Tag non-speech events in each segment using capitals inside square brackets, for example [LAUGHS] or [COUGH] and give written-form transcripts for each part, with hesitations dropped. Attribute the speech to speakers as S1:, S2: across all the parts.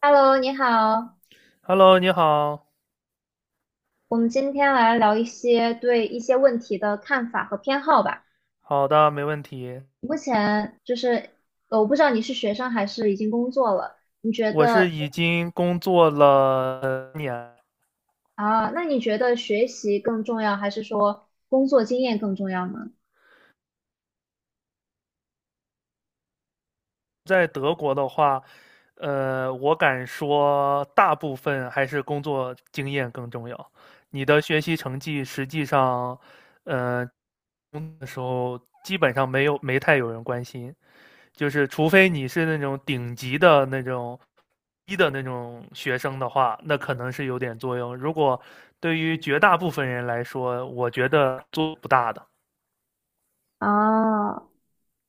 S1: Hello，你好，
S2: Hello，你好。
S1: 我们今天来聊一些对一些问题的看法和偏好吧。
S2: 好的，没问题。
S1: 目前就是，我不知道你是学生还是已经工作了，你觉
S2: 我
S1: 得
S2: 是已经工作了年，
S1: 啊，那你觉得学习更重要，还是说工作经验更重要呢？
S2: 在德国的话，我敢说大部分还是工作经验更重要。你的学习成绩实际上，呃，工作的时候基本上没有，没太有人关心。就是除非你是那种顶级的那种一的那种学生的话，那可能是有点作用。如果对于绝大部分人来说，我觉得作用不大的。
S1: 啊，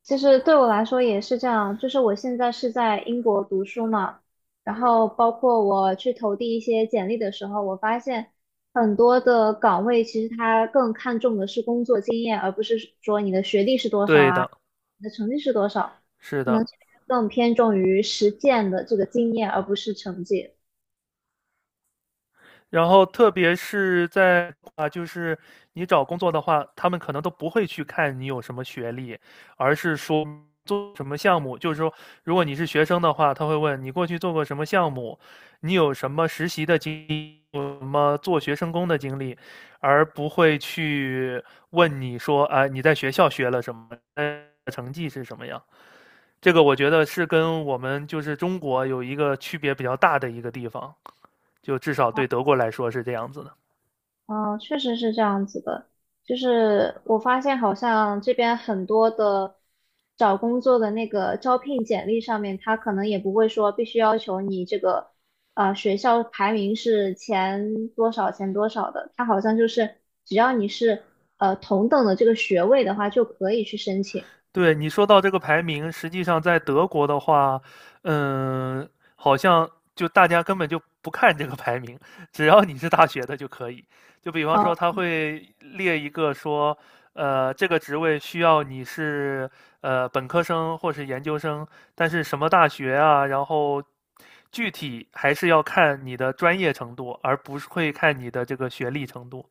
S1: 其实对我来说也是这样，就是我现在是在英国读书嘛，然后包括我去投递一些简历的时候，我发现很多的岗位其实它更看重的是工作经验，而不是说你的学历是多少
S2: 对
S1: 啊，
S2: 的，
S1: 你的成绩是多少，
S2: 是
S1: 可能
S2: 的，
S1: 这边更偏重于实践的这个经验，而不是成绩。
S2: 然后特别是在啊，就是你找工作的话，他们可能都不会去看你有什么学历，而是说做什么项目。就是说，如果你是学生的话，他会问你过去做过什么项目，你有什么实习的经历，有什么做学生工的经历，而不会去问你说啊，你在学校学了什么，呃成绩是什么样。这个我觉得是跟我们就是中国有一个区别比较大的一个地方，就至少对德国来说是这样子的。
S1: 嗯，确实是这样子的。就是我发现，好像这边很多的找工作的那个招聘简历上面，他可能也不会说必须要求你这个学校排名是前多少前多少的，他好像就是只要你是同等的这个学位的话，就可以去申请。
S2: 对，你说到这个排名，实际上在德国的话，嗯，好像就大家根本就不看这个排名，只要你是大学的就可以。就比方
S1: 呃
S2: 说，他会列一个说，这个职位需要你是本科生或是研究生，但是什么大学啊，然后具体还是要看你的专业程度，而不是会看你的这个学历程度。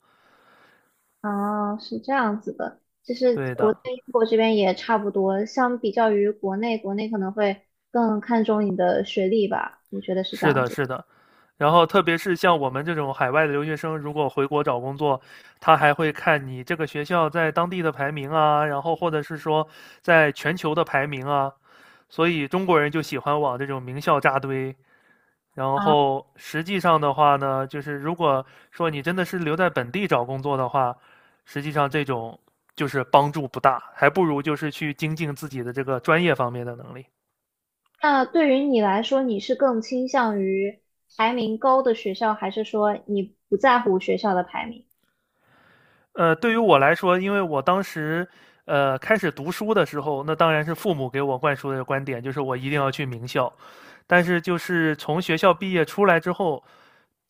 S1: 哦，是这样子的。就是
S2: 对
S1: 我
S2: 的，
S1: 在英国这边也差不多，相比较于国内，国内可能会更看重你的学历吧，我觉得是这
S2: 是
S1: 样
S2: 的，
S1: 子。
S2: 是的。然后，特别是像我们这种海外的留学生，如果回国找工作，他还会看你这个学校在当地的排名啊，然后或者是说在全球的排名啊。所以中国人就喜欢往这种名校扎堆。然
S1: 啊，
S2: 后实际上的话呢，就是如果说你真的是留在本地找工作的话，实际上这种就是帮助不大，还不如就是去精进自己的这个专业方面的能力。
S1: 那对于你来说，你是更倾向于排名高的学校，还是说你不在乎学校的排名？
S2: 呃，对于我来说，因为我当时开始读书的时候，那当然是父母给我灌输的观点，就是我一定要去名校。但是就是从学校毕业出来之后，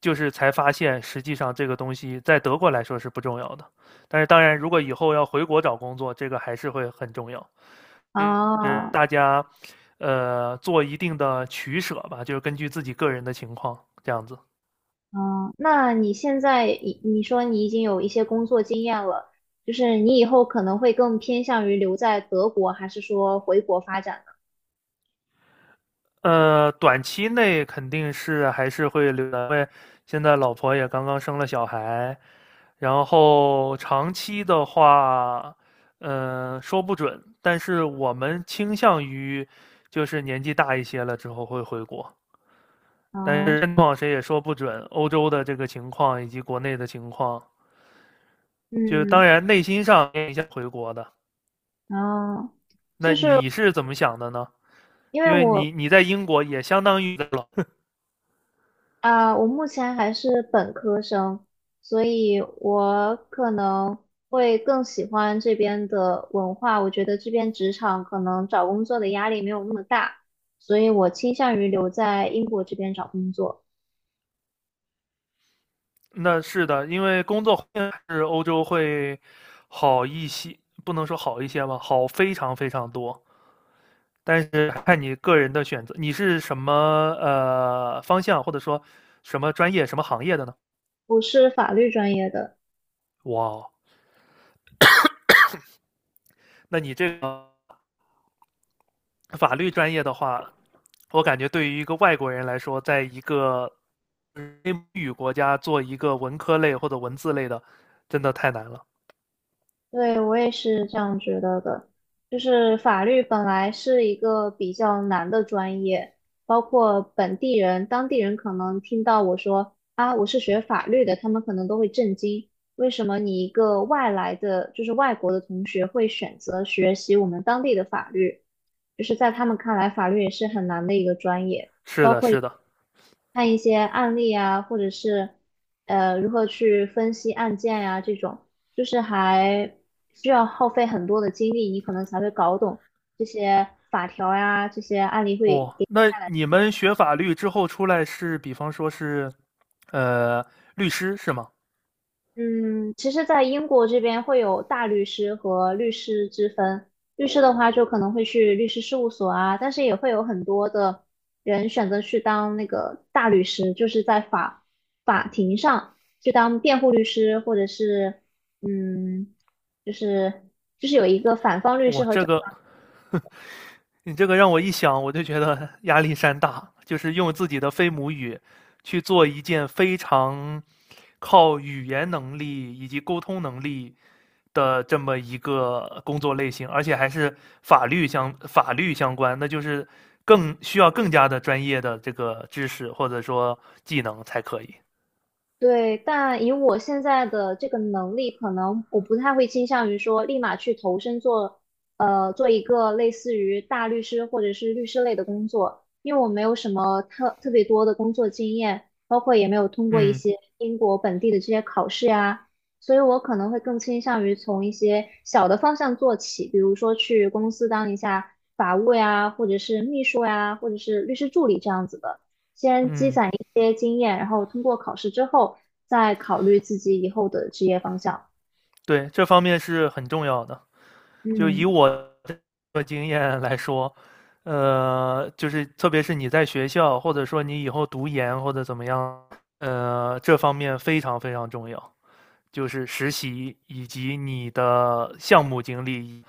S2: 就是才发现，实际上这个东西在德国来说是不重要的。但是当然，如果以后要回国找工作，这个还是会很重要。所以是
S1: 啊，
S2: 大家做一定的取舍吧，就是根据自己个人的情况这样子。
S1: 嗯，那你现在你说你已经有一些工作经验了，就是你以后可能会更偏向于留在德国，还是说回国发展
S2: 呃，短期内肯定是还是会留的，因为现在老婆也刚刚生了小孩，然后长期的话，说不准，但是我们倾向于就是年纪大一些了之后会回国，
S1: 呢？
S2: 但
S1: 啊。
S2: 是情况谁也说不准，欧洲的这个情况以及国内的情况，就当
S1: 嗯，
S2: 然内心上也想回国的。
S1: 啊，就
S2: 那
S1: 是
S2: 你是怎么想的呢？
S1: 因为
S2: 因为
S1: 我
S2: 你你在英国也相当于老
S1: 啊、我目前还是本科生，所以我可能会更喜欢这边的文化。我觉得这边职场可能找工作的压力没有那么大，所以我倾向于留在英国这边找工作。
S2: 那是的，因为工作环境是欧洲会好一些，不能说好一些吧，好非常非常多。但是看你个人的选择，你是什么方向，或者说什么专业、什么行业的呢？
S1: 我是法律专业的，
S2: 哇哦，那你这个法律专业的话，我感觉对于一个外国人来说，在一个非母语国家做一个文科类或者文字类的，真的太难了。
S1: 对，我也是这样觉得的。就是法律本来是一个比较难的专业，包括本地人、当地人可能听到我说啊，我是学法律的，他们可能都会震惊，为什么你一个外来的，就是外国的同学会选择学习我们当地的法律？就是在他们看来，法律也是很难的一个专业。
S2: 是的，是的，
S1: 看一些案例啊，或者是如何去分析案件呀、这种，就是还需要耗费很多的精力，你可能才会搞懂这些法条呀、这些案例会。
S2: 哦，那你们学法律之后出来是，比方说是，呃，律师是吗？
S1: 嗯，其实，在英国这边会有大律师和律师之分。律师的话，就可能会去律师事务所啊，但是也会有很多的人选择去当那个大律师，就是在法庭上去当辩护律师，或者是嗯，就是有一个反方律师
S2: 我
S1: 和。
S2: 这个，[LAUGHS] 你这个让我一想，我就觉得 [LAUGHS] 压力山大，就是用自己的非母语去做一件非常靠语言能力以及沟通能力的这么一个工作类型，而且还是法律相法律相关，那就是更需要更加的专业的这个知识或者说技能才可以。
S1: 对，但以我现在的这个能力，可能我不太会倾向于说立马去投身做，呃，做一个类似于大律师或者是律师类的工作，因为我没有什么特别多的工作经验，包括也没有通过一
S2: 嗯
S1: 些英国本地的这些考试呀，所以我可能会更倾向于从一些小的方向做起，比如说去公司当一下法务呀，或者是秘书呀，或者是律师助理这样子的。
S2: 嗯。
S1: 些经验，然后通过考试之后再考虑自己以后的职业方向。
S2: 对，这方面是很重要的。就以
S1: 嗯。
S2: 我的经验来说，就是特别是你在学校，或者说你以后读研或者怎么样，这方面非常非常重要，就是实习以及你的项目经历。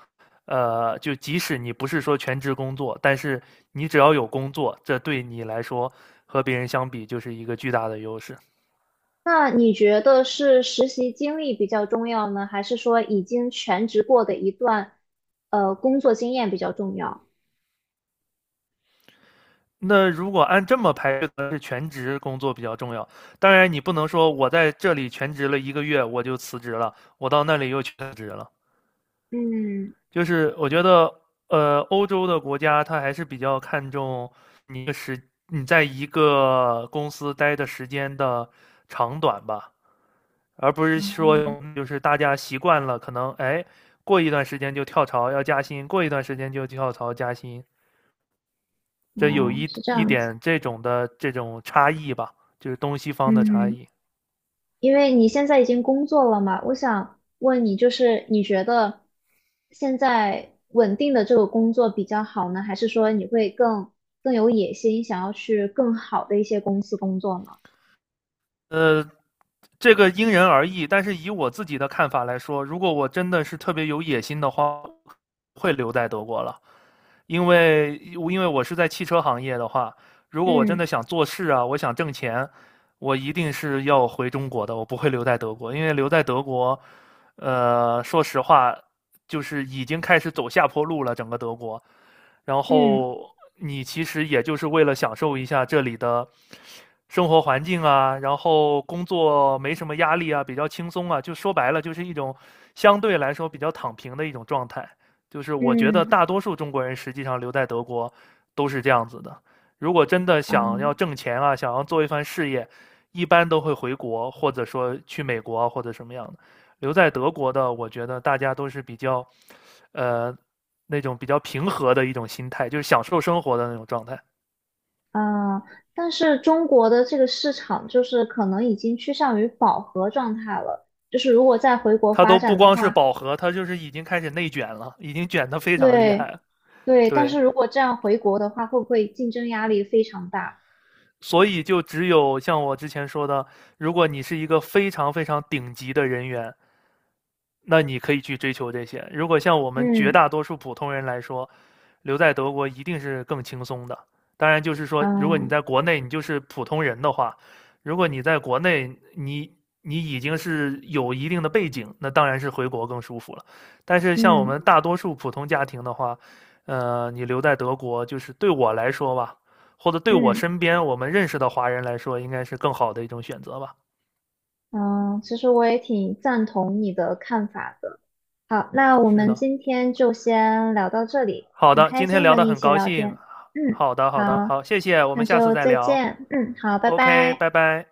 S2: 就即使你不是说全职工作，但是你只要有工作，这对你来说和别人相比就是一个巨大的优势。
S1: 那你觉得是实习经历比较重要呢，还是说已经全职过的一段工作经验比较重要？
S2: 那如果按这么排，是全职工作比较重要。当然，你不能说我在这里全职了一个月我就辞职了，我到那里又全职了。
S1: 嗯，
S2: 就是我觉得，欧洲的国家它还是比较看重你的时你在一个公司待的时间的长短吧，而不是说就是大家习惯了，可能哎过一段时间就跳槽要加薪，过一段时间就跳槽加薪，这有
S1: 哦，
S2: 一
S1: 是这
S2: 一
S1: 样子。
S2: 点这种的这种差异吧，就是东西方的差
S1: 嗯，
S2: 异。
S1: 因为你现在已经工作了嘛，我想问你，就是你觉得现在稳定的这个工作比较好呢，还是说你会更有野心，想要去更好的一些公司工作呢？
S2: 呃，这个因人而异，但是以我自己的看法来说，如果我真的是特别有野心的话，会留在德国了，因为我是在汽车行业的话，如果我真
S1: 嗯
S2: 的想做事啊，我想挣钱，我一定是要回中国的，我不会留在德国，因为留在德国，说实话，就是已经开始走下坡路了，整个德国。然
S1: 嗯
S2: 后你其实也就是为了享受一下这里的生活环境啊，然后工作没什么压力啊，比较轻松啊，就说白了就是一种相对来说比较躺平的一种状态。就是我觉得
S1: 嗯
S2: 大多数中国人实际上留在德国都是这样子的。如果真的想
S1: 嗯
S2: 要挣钱啊，想要做一番事业，一般都会回国，或者说去美国啊或者什么样的。留在德国的，我觉得大家都是比较，呃，那种比较平和的一种心态，就是享受生活的那种状态。
S1: 呃，但是中国的这个市场就是可能已经趋向于饱和状态了，就是如果再回国
S2: 他
S1: 发
S2: 都不
S1: 展的
S2: 光是
S1: 话，
S2: 饱和，他就是已经开始内卷了，已经卷得非常厉害
S1: 对
S2: 了
S1: 对，但
S2: 对，
S1: 是如果这样回国的话，会不会竞争压力非常大？
S2: 所以就只有像我之前说的，如果你是一个非常非常顶级的人员，那你可以去追求这些。如果像我们绝
S1: 嗯
S2: 大多数普通人来说，留在德国一定是更轻松的。当然，就是说，如果你在
S1: 嗯
S2: 国内你就是普通人的话，如果你在国内你你已经是有一定的背景，那当然是回国更舒服了。但是像我们
S1: 嗯
S2: 大多数普通家庭的话，你留在德国，就是对我来说吧，或者对我
S1: 嗯
S2: 身边我们认识的华人来说，应该是更好的一种选择吧。
S1: 嗯，其实我也挺赞同你的看法的。好，那我
S2: 是
S1: 们
S2: 的，
S1: 今天就先聊到这里，
S2: 好
S1: 很
S2: 的，
S1: 开
S2: 今天
S1: 心和
S2: 聊的
S1: 你一
S2: 很
S1: 起
S2: 高
S1: 聊
S2: 兴。
S1: 天。嗯，
S2: 好的，好的，好，
S1: 好，
S2: 谢谢，我
S1: 那
S2: 们下次
S1: 就
S2: 再
S1: 再
S2: 聊。
S1: 见。嗯，好，拜
S2: OK，
S1: 拜。
S2: 拜拜。